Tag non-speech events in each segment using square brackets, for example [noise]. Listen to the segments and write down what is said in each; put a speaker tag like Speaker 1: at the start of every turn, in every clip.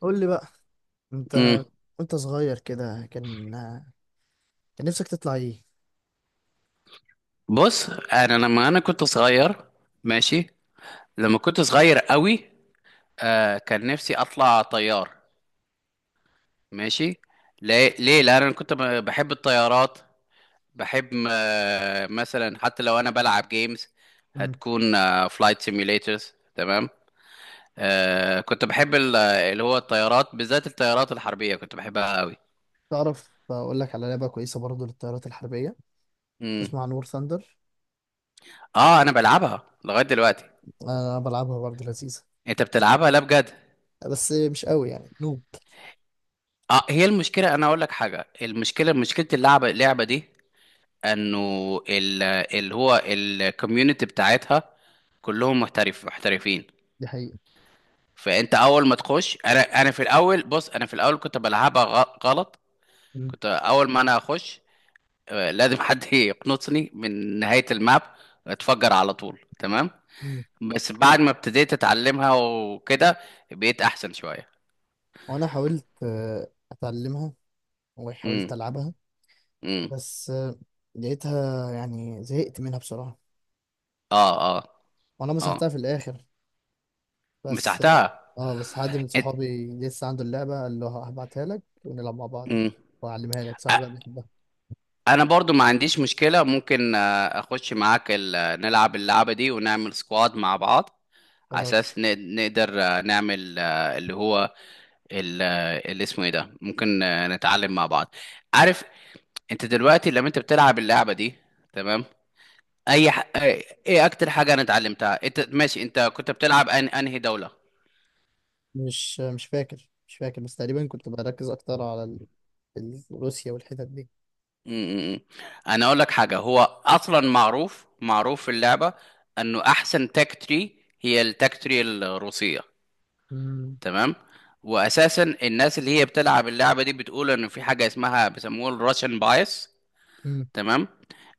Speaker 1: قول لي بقى، انت،
Speaker 2: امم
Speaker 1: وانت صغير كده كان نفسك تطلع ايه؟
Speaker 2: بص، انا لما كنت صغير. ماشي. لما كنت صغير قوي، كان نفسي اطلع طيار. ماشي. ليه؟ لان انا كنت بحب الطيارات. بحب، مثلا حتى لو انا بلعب جيمز،
Speaker 1: مم.
Speaker 2: هتكون فلايت سيميوليترز. تمام. كنت بحب اللي هو الطيارات، بالذات الطيارات الحربية، كنت بحبها قوي.
Speaker 1: تعرف اقول لك على لعبه كويسه برضو للطيارات الحربيه،
Speaker 2: امم
Speaker 1: اسمها نور ثاندر.
Speaker 2: اه، انا بلعبها لغاية دلوقتي.
Speaker 1: انا بلعبها برضو، لذيذه
Speaker 2: انت بتلعبها؟ لا، بجد؟
Speaker 1: بس مش قوي يعني.
Speaker 2: اه. هي المشكله، انا اقول لك حاجه، المشكله، مشكله اللعبه اللعبه دي، انه ال- اللي هو الكوميونتي بتاعتها كلهم محترفين.
Speaker 1: دي حقيقه.
Speaker 2: فانت اول ما تخش، انا في الاول، بص، انا في الاول كنت بلعبها غلط.
Speaker 1: مم.
Speaker 2: كنت اول ما انا اخش، لازم حد [laughs] يقنصني من نهايه الماب، اتفجر على طول. تمام.
Speaker 1: مم.
Speaker 2: بس بعد ما ابتديت اتعلمها وكده، بقيت احسن شويه.
Speaker 1: وانا حاولت اتعلمها، وحاولت
Speaker 2: امم
Speaker 1: العبها،
Speaker 2: امم
Speaker 1: بس لقيتها يعني زهقت منها بصراحه.
Speaker 2: اه، اه.
Speaker 1: وانا مسحتها
Speaker 2: اه،
Speaker 1: في الاخر. بس
Speaker 2: مسحتها.
Speaker 1: اه بس حد من
Speaker 2: إت-
Speaker 1: صحابي لسه عنده اللعبه، قال له هبعتها لك ونلعب مع بعض
Speaker 2: مم.
Speaker 1: واعلمها لك، صاحبي بقى بيحبها.
Speaker 2: انا برضو ما عنديش مشكلة، ممكن اخش معاك نلعب اللعبة دي ونعمل سكواد مع بعض، على
Speaker 1: خلاص.
Speaker 2: اساس نقدر نعمل، اللي هو، اللي اسمه ايه ده، ممكن نتعلم مع بعض، عارف؟ انت دلوقتي لما انت بتلعب اللعبة دي، تمام، اي ح... ايه إيه اكتر حاجة انا اتعلمتها؟ انت ماشي، انت كنت بتلعب انهي دولة؟
Speaker 1: مش فاكر، بس تقريبا كنت بركز اكتر على روسيا والحتت دي.
Speaker 2: م- م- م. انا اقول لك حاجة، هو اصلا معروف في اللعبة انه احسن تاك تري هي التاك تري الروسية.
Speaker 1: مم.
Speaker 2: تمام. واساسا الناس اللي هي بتلعب اللعبه دي بتقول ان في حاجه اسمها بيسموها الراشن بايس.
Speaker 1: مم.
Speaker 2: تمام.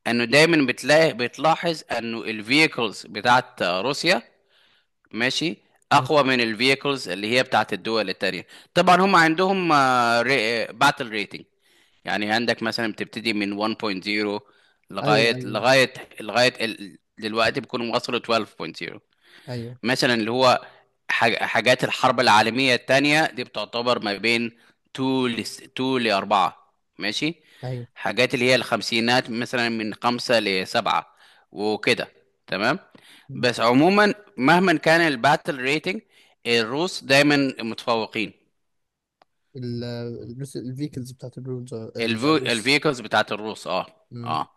Speaker 2: انه دايما بتلاحظ انه الفييكلز بتاعت روسيا، ماشي،
Speaker 1: مم.
Speaker 2: اقوى من الفييكلز اللي هي بتاعت الدول التانية. طبعا هم عندهم باتل ريتنج، يعني عندك مثلا بتبتدي من 1.0
Speaker 1: ايوه
Speaker 2: لغايه
Speaker 1: ايوه
Speaker 2: لغايه لغايه دلوقتي بيكونوا وصلوا 12.0.
Speaker 1: ايوه
Speaker 2: مثلا اللي هو، حاجات الحرب العالمية التانية دي بتعتبر ما بين 2 ل، 2 ل 4. ماشي.
Speaker 1: ايوه.
Speaker 2: حاجات اللي هي الخمسينات، مثلا من 5 ل 7، وكده. تمام.
Speaker 1: مم.
Speaker 2: بس عموما مهما كان الباتل ريتنج، الروس دايما متفوقين.
Speaker 1: الروس، الفيكلز بتاعت الروس، الروس.
Speaker 2: الفيكلز بتاعت الروس، اه.
Speaker 1: مم.
Speaker 2: اه.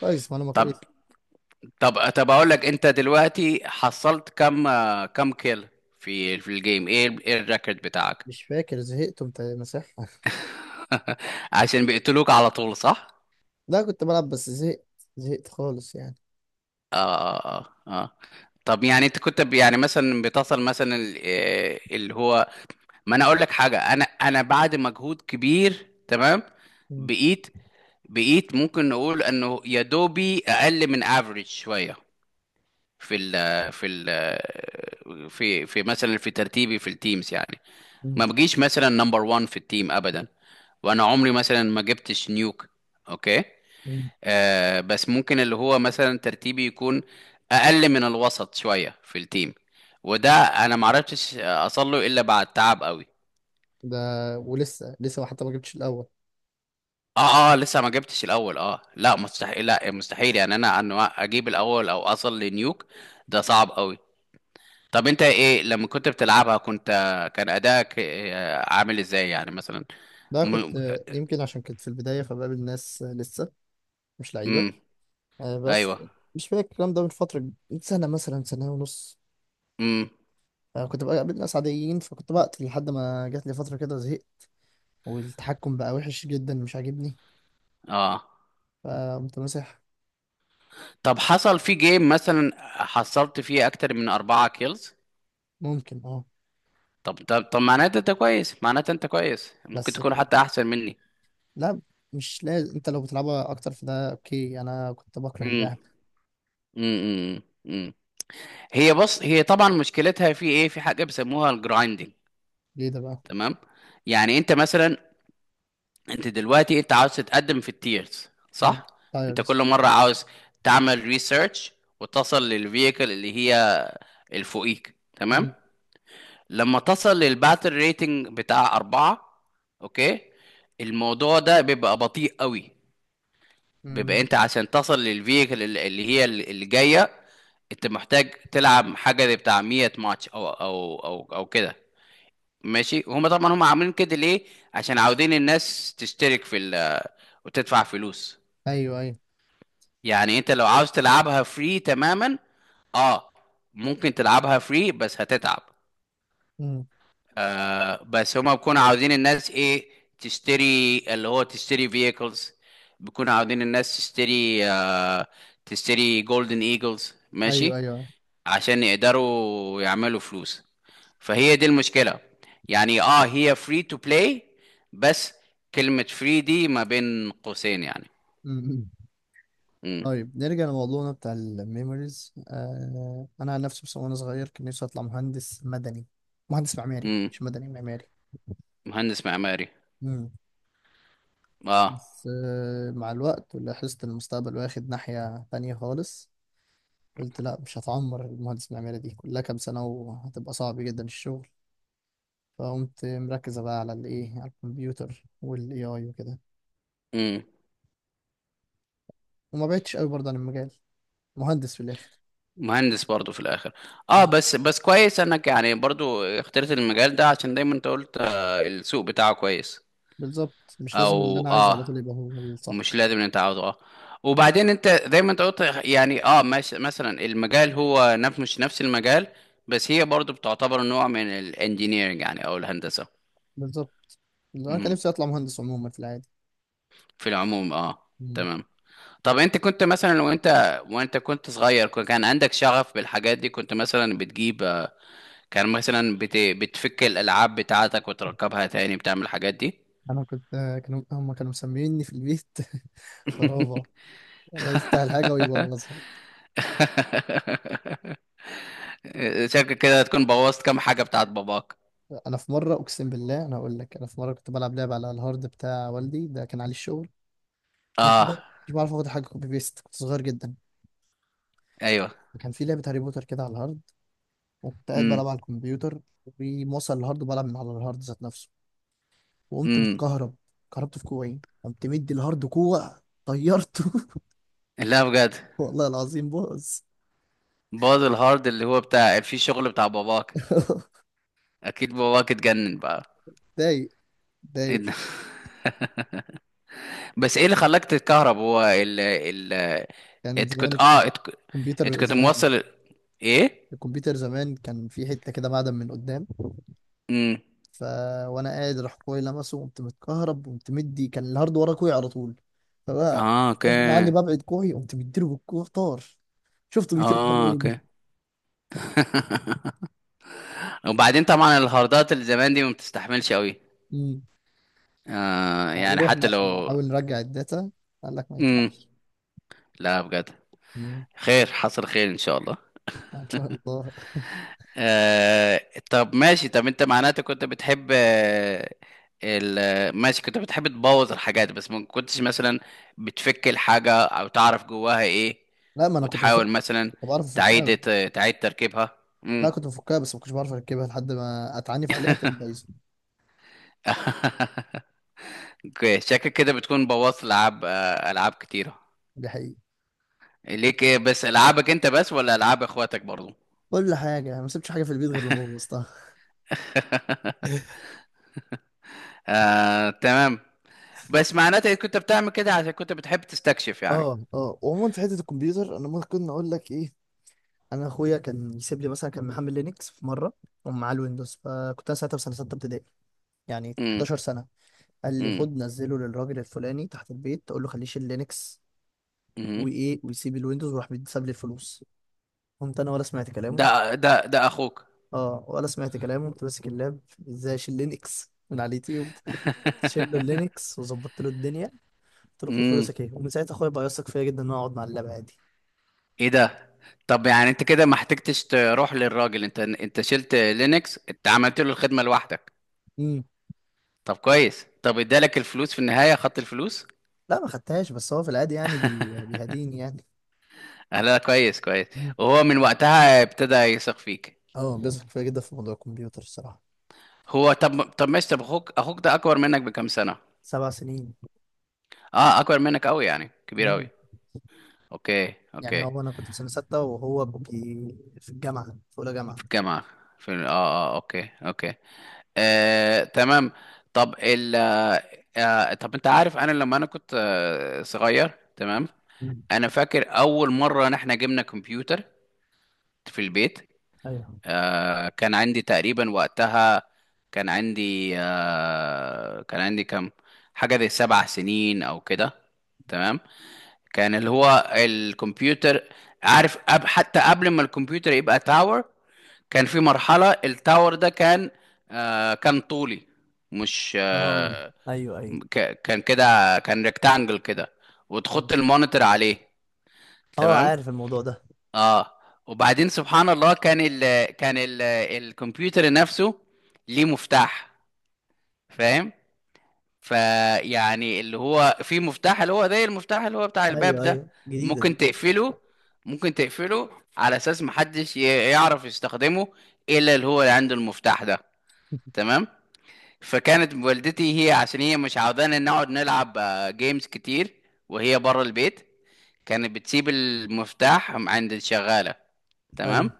Speaker 1: كويس، معلومة
Speaker 2: طب
Speaker 1: كويس.
Speaker 2: طب طب اقول لك، انت دلوقتي حصلت كم، كم كيل في الجيم؟ ايه ايه الريكورد بتاعك؟
Speaker 1: مش فاكر، زهقت وانت مسحها [laughs]
Speaker 2: عشان بيقتلوك على طول، صح؟
Speaker 1: لا، كنت بلعب بس زهقت، زهقت خالص يعني.
Speaker 2: اه، اه. اه. طب يعني انت كنت يعني مثلا بتصل مثلا اللي هو، ما انا اقول لك حاجه، انا بعد مجهود كبير، تمام،
Speaker 1: مم.
Speaker 2: بقيت، بقيت ممكن نقول انه يا دوبي اقل من افريج شويه في ال في ال في في مثلا في ترتيبي في التيمز يعني.
Speaker 1: مم.
Speaker 2: ما بجيش مثلا نمبر 1 في التيم ابدا، وانا عمري مثلا ما جبتش نيوك. اوكي.
Speaker 1: مم.
Speaker 2: بس ممكن اللي هو مثلا ترتيبي يكون اقل من الوسط شويه في التيم، وده انا ما عرفتش اصل له الا بعد تعب قوي.
Speaker 1: ده ولسه لسه حتى ما جبتش الاول.
Speaker 2: اه، اه، لسه ما جبتش الاول. اه، لا مستحيل، لا مستحيل يعني انا ان اجيب الاول او اصل لنيوك، ده صعب قوي. طب انت، ايه لما كنت بتلعبها؟ كنت، كان ادائك، عامل ازاي يعني مثلا؟
Speaker 1: ده كنت
Speaker 2: م...
Speaker 1: يمكن عشان كنت في البداية فبقابل ناس لسه مش لعيبة.
Speaker 2: م...
Speaker 1: بس
Speaker 2: ايوه.
Speaker 1: مش فاكر الكلام ده، من فترة، من سنة مثلا، سنة ونص.
Speaker 2: م...
Speaker 1: كنت بقى قابلت ناس عاديين، فكنت بقتل لحد ما جات لي فترة كده زهقت، والتحكم بقى وحش جدا مش عاجبني،
Speaker 2: اه.
Speaker 1: فقمت ماسح.
Speaker 2: طب حصل في جيم مثلا، حصلت فيه اكتر من اربعة كيلز؟
Speaker 1: ممكن، اه.
Speaker 2: طب طب معناته انت كويس، ممكن
Speaker 1: بس
Speaker 2: تكون
Speaker 1: في-
Speaker 2: حتى احسن مني.
Speaker 1: لا، مش لازم، انت لو بتلعبها اكتر في ده، اوكي، انا كنت بكره
Speaker 2: امم
Speaker 1: اللعب.
Speaker 2: امم امم هي بص، هي طبعا مشكلتها في ايه؟ في حاجه بيسموها الجرايندنج.
Speaker 1: ليه ده بقى.
Speaker 2: تمام. يعني انت مثلا، انت دلوقتي انت عاوز تتقدم في التيرز،
Speaker 1: امم.
Speaker 2: صح؟ انت
Speaker 1: تايرز.
Speaker 2: كل مره عاوز تعمل ريسيرش وتصل للفييكل اللي هي الفوقيك. تمام.
Speaker 1: امم.
Speaker 2: لما تصل للباتل ريتنج بتاع أربعة، أوكي، الموضوع ده بيبقى بطيء قوي. بيبقى انت عشان تصل للفيكل اللي هي اللي جايه، انت محتاج تلعب حاجه زي بتاع 100 ماتش او كده. ماشي. هما طبعا هما عاملين كده ليه؟ عشان عاوزين الناس تشترك في ال، وتدفع فلوس.
Speaker 1: ايوه ايوه.
Speaker 2: يعني انت لو عاوز تلعبها فري تماما، اه، ممكن تلعبها فري، بس هتتعب.
Speaker 1: امم.
Speaker 2: بس هما بيكونوا عاوزين الناس ايه، تشتري اللي هو تشتري vehicles، بيكونوا عاوزين الناس تشتري، تشتري جولدن ايجلز، ماشي،
Speaker 1: ايوه
Speaker 2: عشان يقدروا يعملوا فلوس. فهي دي المشكلة. يعني اه، هي فري تو بلاي، بس كلمة فري دي ما بين قوسين يعني.
Speaker 1: ايوه.
Speaker 2: امم
Speaker 1: طيب، نرجع لموضوعنا بتاع الميموريز. انا عن نفسي، بس وانا صغير كان نفسي اطلع مهندس مدني. مهندس معماري،
Speaker 2: امم
Speaker 1: مش مدني، معماري.
Speaker 2: مهندس معماري.
Speaker 1: مم.
Speaker 2: اه،
Speaker 1: بس مع الوقت لاحظت إن المستقبل واخد ناحية تانية خالص. قلت لا، مش هتعمر المهندس المعماري دي كلها كام سنة، وهتبقى صعب جدا الشغل. فقمت مركزة بقى على الايه، على الكمبيوتر والاي اي وكده. وما بعدتش قوي برضه عن المجال. مهندس في الاخر.
Speaker 2: مهندس برضو في الاخر. اه
Speaker 1: مم.
Speaker 2: بس، بس كويس انك يعني برضو اخترت المجال ده، عشان دايما انت قلت السوق بتاعه كويس.
Speaker 1: بالظبط، مش لازم اللي
Speaker 2: او
Speaker 1: انا عايزه على
Speaker 2: اه،
Speaker 1: طول يبقى هو الصح.
Speaker 2: مش لازم إن انت عاوزه اه. وبعدين انت دايما انت قلت يعني اه، مش مثلا المجال هو مش نفس المجال، بس هي برضو بتعتبر نوع من الانجينيرنج يعني، او الهندسة.
Speaker 1: بالظبط، انا كان
Speaker 2: مهم.
Speaker 1: نفسي اطلع مهندس عموما في العادي.
Speaker 2: في العموم، اه
Speaker 1: مم.
Speaker 2: تمام. طب انت كنت مثلا، وانت كنت صغير، كان عندك شغف بالحاجات دي؟ كنت مثلا بتجيب، كان مثلا بتفك الالعاب بتاعتك وتركبها تاني، بتعمل الحاجات دي؟
Speaker 1: انا كنت كانوا مسميني في البيت [laughs] خرابه،
Speaker 2: [laughs]
Speaker 1: يلا يفتح الحاجه ويبوظها.
Speaker 2: شكل كده تكون بوظت كام حاجه بتاعت باباك.
Speaker 1: انا في مره، اقسم بالله، انا اقول لك، انا في مره كنت بلعب لعبه على الهارد بتاع والدي، ده كان عليه الشغل. ممكن
Speaker 2: اه.
Speaker 1: بقى، مش بعرف اخد حاجه كوبي بيست، كنت صغير جدا.
Speaker 2: ايوه.
Speaker 1: كان في لعبه هاري بوتر كده على الهارد، وكنت قاعد
Speaker 2: امم
Speaker 1: بلعب على الكمبيوتر، وموصل الهارد وبلعب من على الهارد ذات نفسه، وقمت
Speaker 2: امم
Speaker 1: متكهرب. كهربت في كوعي، قمت مدي الهارد كوع، طيرته
Speaker 2: لا، بجد؟
Speaker 1: [laughs] والله العظيم بوظ.
Speaker 2: باظ الهارد اللي هو بتاع في شغل بتاع باباك؟
Speaker 1: [laughs]
Speaker 2: اكيد باباك اتجنن بقى.
Speaker 1: ضايق،
Speaker 2: إيه
Speaker 1: ضايق.
Speaker 2: ده؟ [laughs] بس ايه اللي خلاك تتكهرب؟ هو ال ال
Speaker 1: كان
Speaker 2: انت كنت
Speaker 1: زمان،
Speaker 2: اه، انت كنت، إنت
Speaker 1: الكمبيوتر
Speaker 2: كنت
Speaker 1: زمان
Speaker 2: موصل، ايه.
Speaker 1: الكمبيوتر زمان كان في حتة كده معدن من قدام،
Speaker 2: امم.
Speaker 1: ف وانا قاعد راح اخويا لمسه، وقمت متكهرب، وقمت مدي كان الهارد ورا كوعي على طول، فبقى
Speaker 2: اه اوكي.
Speaker 1: غصب عني ببعد كوعي، قمت مديله بالكوع طار. شفته بيطير قدام
Speaker 2: اه
Speaker 1: عيني.
Speaker 2: اوكي. [laughs] وبعدين طبعا الهاردات اللي زمان دي ما بتستحملش قوي.
Speaker 1: امم.
Speaker 2: يعني
Speaker 1: ورحنا
Speaker 2: حتى
Speaker 1: عشان
Speaker 2: لو.
Speaker 1: نحاول نرجع الداتا، قال لك ما
Speaker 2: امم.
Speaker 1: ينفعش.
Speaker 2: لا، بجد.
Speaker 1: امم.
Speaker 2: خير، حصل خير ان شاء الله.
Speaker 1: ان شاء الله.
Speaker 2: آه طب ماشي، طب انت معناته كنت بتحب ماشي، كنت بتحب تبوظ الحاجات، بس ما كنتش مثلا بتفك الحاجة او تعرف جواها ايه،
Speaker 1: لا، ما انا كنت بفكر،
Speaker 2: وتحاول مثلا
Speaker 1: كنت بعرف افكها.
Speaker 2: تعيد، تعيد تركيبها.
Speaker 1: لا،
Speaker 2: امم.
Speaker 1: كنت بفكها بس ما كنتش بعرف اركبها، لحد ما اتعنف عليها تقوم بايظه.
Speaker 2: [laughs] اوكي، شكلك كده بتكون بوظت العاب، العاب كتيرة.
Speaker 1: دي حقيقة.
Speaker 2: ليك إيه بس؟ العابك انت بس ولا العاب اخواتك برضو؟
Speaker 1: كل حاجه يعني، ما سبتش حاجه في البيت غير لما بوظتها
Speaker 2: [laughs]
Speaker 1: [laughs]
Speaker 2: تمام. بس معناته إنك كنت بتعمل كده عشان كنت بتحب تستكشف يعني.
Speaker 1: اه اه، وعموما في حته الكمبيوتر انا ممكن اقول لك ايه. انا اخويا كان يسيب لي، مثلا كان محمل لينكس في مره ومعاه الويندوز، فكنت انا ساعتها في سنه سته ابتدائي، يعني
Speaker 2: امم
Speaker 1: 11 سنه. قال لي
Speaker 2: امم
Speaker 1: خد نزله للراجل الفلاني تحت البيت، تقول له خليه يشيل لينكس
Speaker 2: امم
Speaker 1: وايه، ويسيب الويندوز، وراح بيتساب لي الفلوس. قمت انا ولا سمعت كلامه.
Speaker 2: ده ده اخوك.
Speaker 1: اه، ولا سمعت كلامه، قمت ماسك اللاب، ازاي اشيل لينكس من على اليوتيوب. قمت شايل له
Speaker 2: [laughs]
Speaker 1: اللينكس وظبطت له الدنيا، قلت له خد
Speaker 2: امم.
Speaker 1: فلوسك ايه. ومن ساعتها اخويا بقى يثق فيا جدا، ان انا اقعد مع اللاب عادي.
Speaker 2: ايه ده؟ طب يعني انت كده ما احتجتش تروح للراجل، انت، انت شلت لينكس، انت عملت له الخدمه لوحدك.
Speaker 1: امم.
Speaker 2: طب كويس، طب ادالك الفلوس في النهايه؟ خدت الفلوس؟
Speaker 1: لا، ما خدتهاش، بس هو في العادي يعني بيهديني يعني.
Speaker 2: لا، كويس كويس.
Speaker 1: امم.
Speaker 2: وهو من وقتها ابتدى يثق فيك.
Speaker 1: اه، بيثق فيا جدا في موضوع الكمبيوتر الصراحه.
Speaker 2: هو، طب ماشي، طب اخوك، اخوك ده اكبر منك بكام سنة؟
Speaker 1: 7 سنين.
Speaker 2: اه، اكبر منك قوي يعني، كبير قوي.
Speaker 1: امم.
Speaker 2: اوكي
Speaker 1: يعني
Speaker 2: اوكي.
Speaker 1: هو انا كنت في سنه سته، وهو في الجامعه، في اولى جامعه.
Speaker 2: في الجامعة، في اه، اه اوكي اوكي. تمام. طب ال، طب انت عارف، انا لما انا كنت صغير، تمام،
Speaker 1: مم.
Speaker 2: انا فاكر اول مرة ان احنا جبنا كمبيوتر في البيت.
Speaker 1: ايوه،
Speaker 2: كان عندي تقريبا وقتها، كان عندي، كان عندي كام، حاجة زي سبع سنين او كده. تمام. كان اللي هو الكمبيوتر، عارف أب، حتى قبل ما الكمبيوتر يبقى تاور، كان في مرحلة التاور ده كان، كان طولي، مش
Speaker 1: اه، ايوه ايوه.
Speaker 2: كان كده، كان ريكتانجل كده،
Speaker 1: أمم.
Speaker 2: وتحط المونيتور عليه.
Speaker 1: اه،
Speaker 2: تمام.
Speaker 1: عارف الموضوع ده.
Speaker 2: اه. وبعدين سبحان الله، كان ال كان ال الكمبيوتر نفسه ليه مفتاح، فاهم؟ فيعني اللي هو في مفتاح اللي هو زي المفتاح اللي هو بتاع الباب
Speaker 1: ايوه
Speaker 2: ده،
Speaker 1: ايوه، جديده
Speaker 2: ممكن
Speaker 1: دي.
Speaker 2: تقفله، ممكن تقفله على اساس محدش يعرف يستخدمه الا اللي هو اللي عنده المفتاح ده. تمام. فكانت والدتي، هي عشان هي مش عاوزانا نقعد نلعب، جيمز كتير وهي بره البيت، كانت بتسيب المفتاح عند الشغالة.
Speaker 1: ايوه.
Speaker 2: تمام.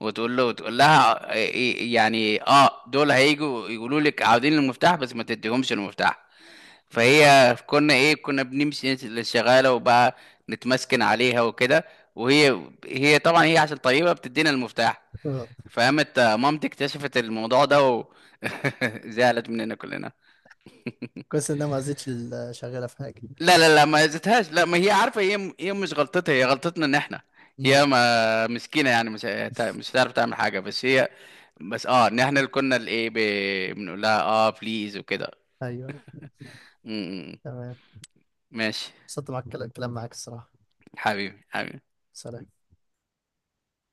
Speaker 2: وتقول له، وتقول لها، يعني اه، دول هيجوا يقولوا لك عاوزين المفتاح، بس ما تديهمش المفتاح. فهي كنا ايه، كنا بنمشي للشغاله وبقى نتمسكن عليها وكده، وهي، هي طبعا هي عشان طيبه بتدينا المفتاح.
Speaker 1: آه.
Speaker 2: فقامت، مامتي اكتشفت الموضوع ده، و [laughs] زعلت مننا كلنا.
Speaker 1: كويس ان انا ما زيتش شغاله في حاجه.
Speaker 2: لا لا ما زتهاش، لا، ما هي عارفه، هي، هي مش غلطتها، هي غلطتنا ان احنا،
Speaker 1: أمم.
Speaker 2: هي ما مسكينه يعني، مش مش هتعرف تعمل حاجه، بس هي، بس اه، ان احنا اللي كنا الايه، بنقول لها اه بليز وكده.
Speaker 1: ايوه.
Speaker 2: م- م-
Speaker 1: تمام.
Speaker 2: ماشي.
Speaker 1: انبسطت معاك، الكلام معاك الصراحه.
Speaker 2: حبيبي، حبيبي.
Speaker 1: سلام.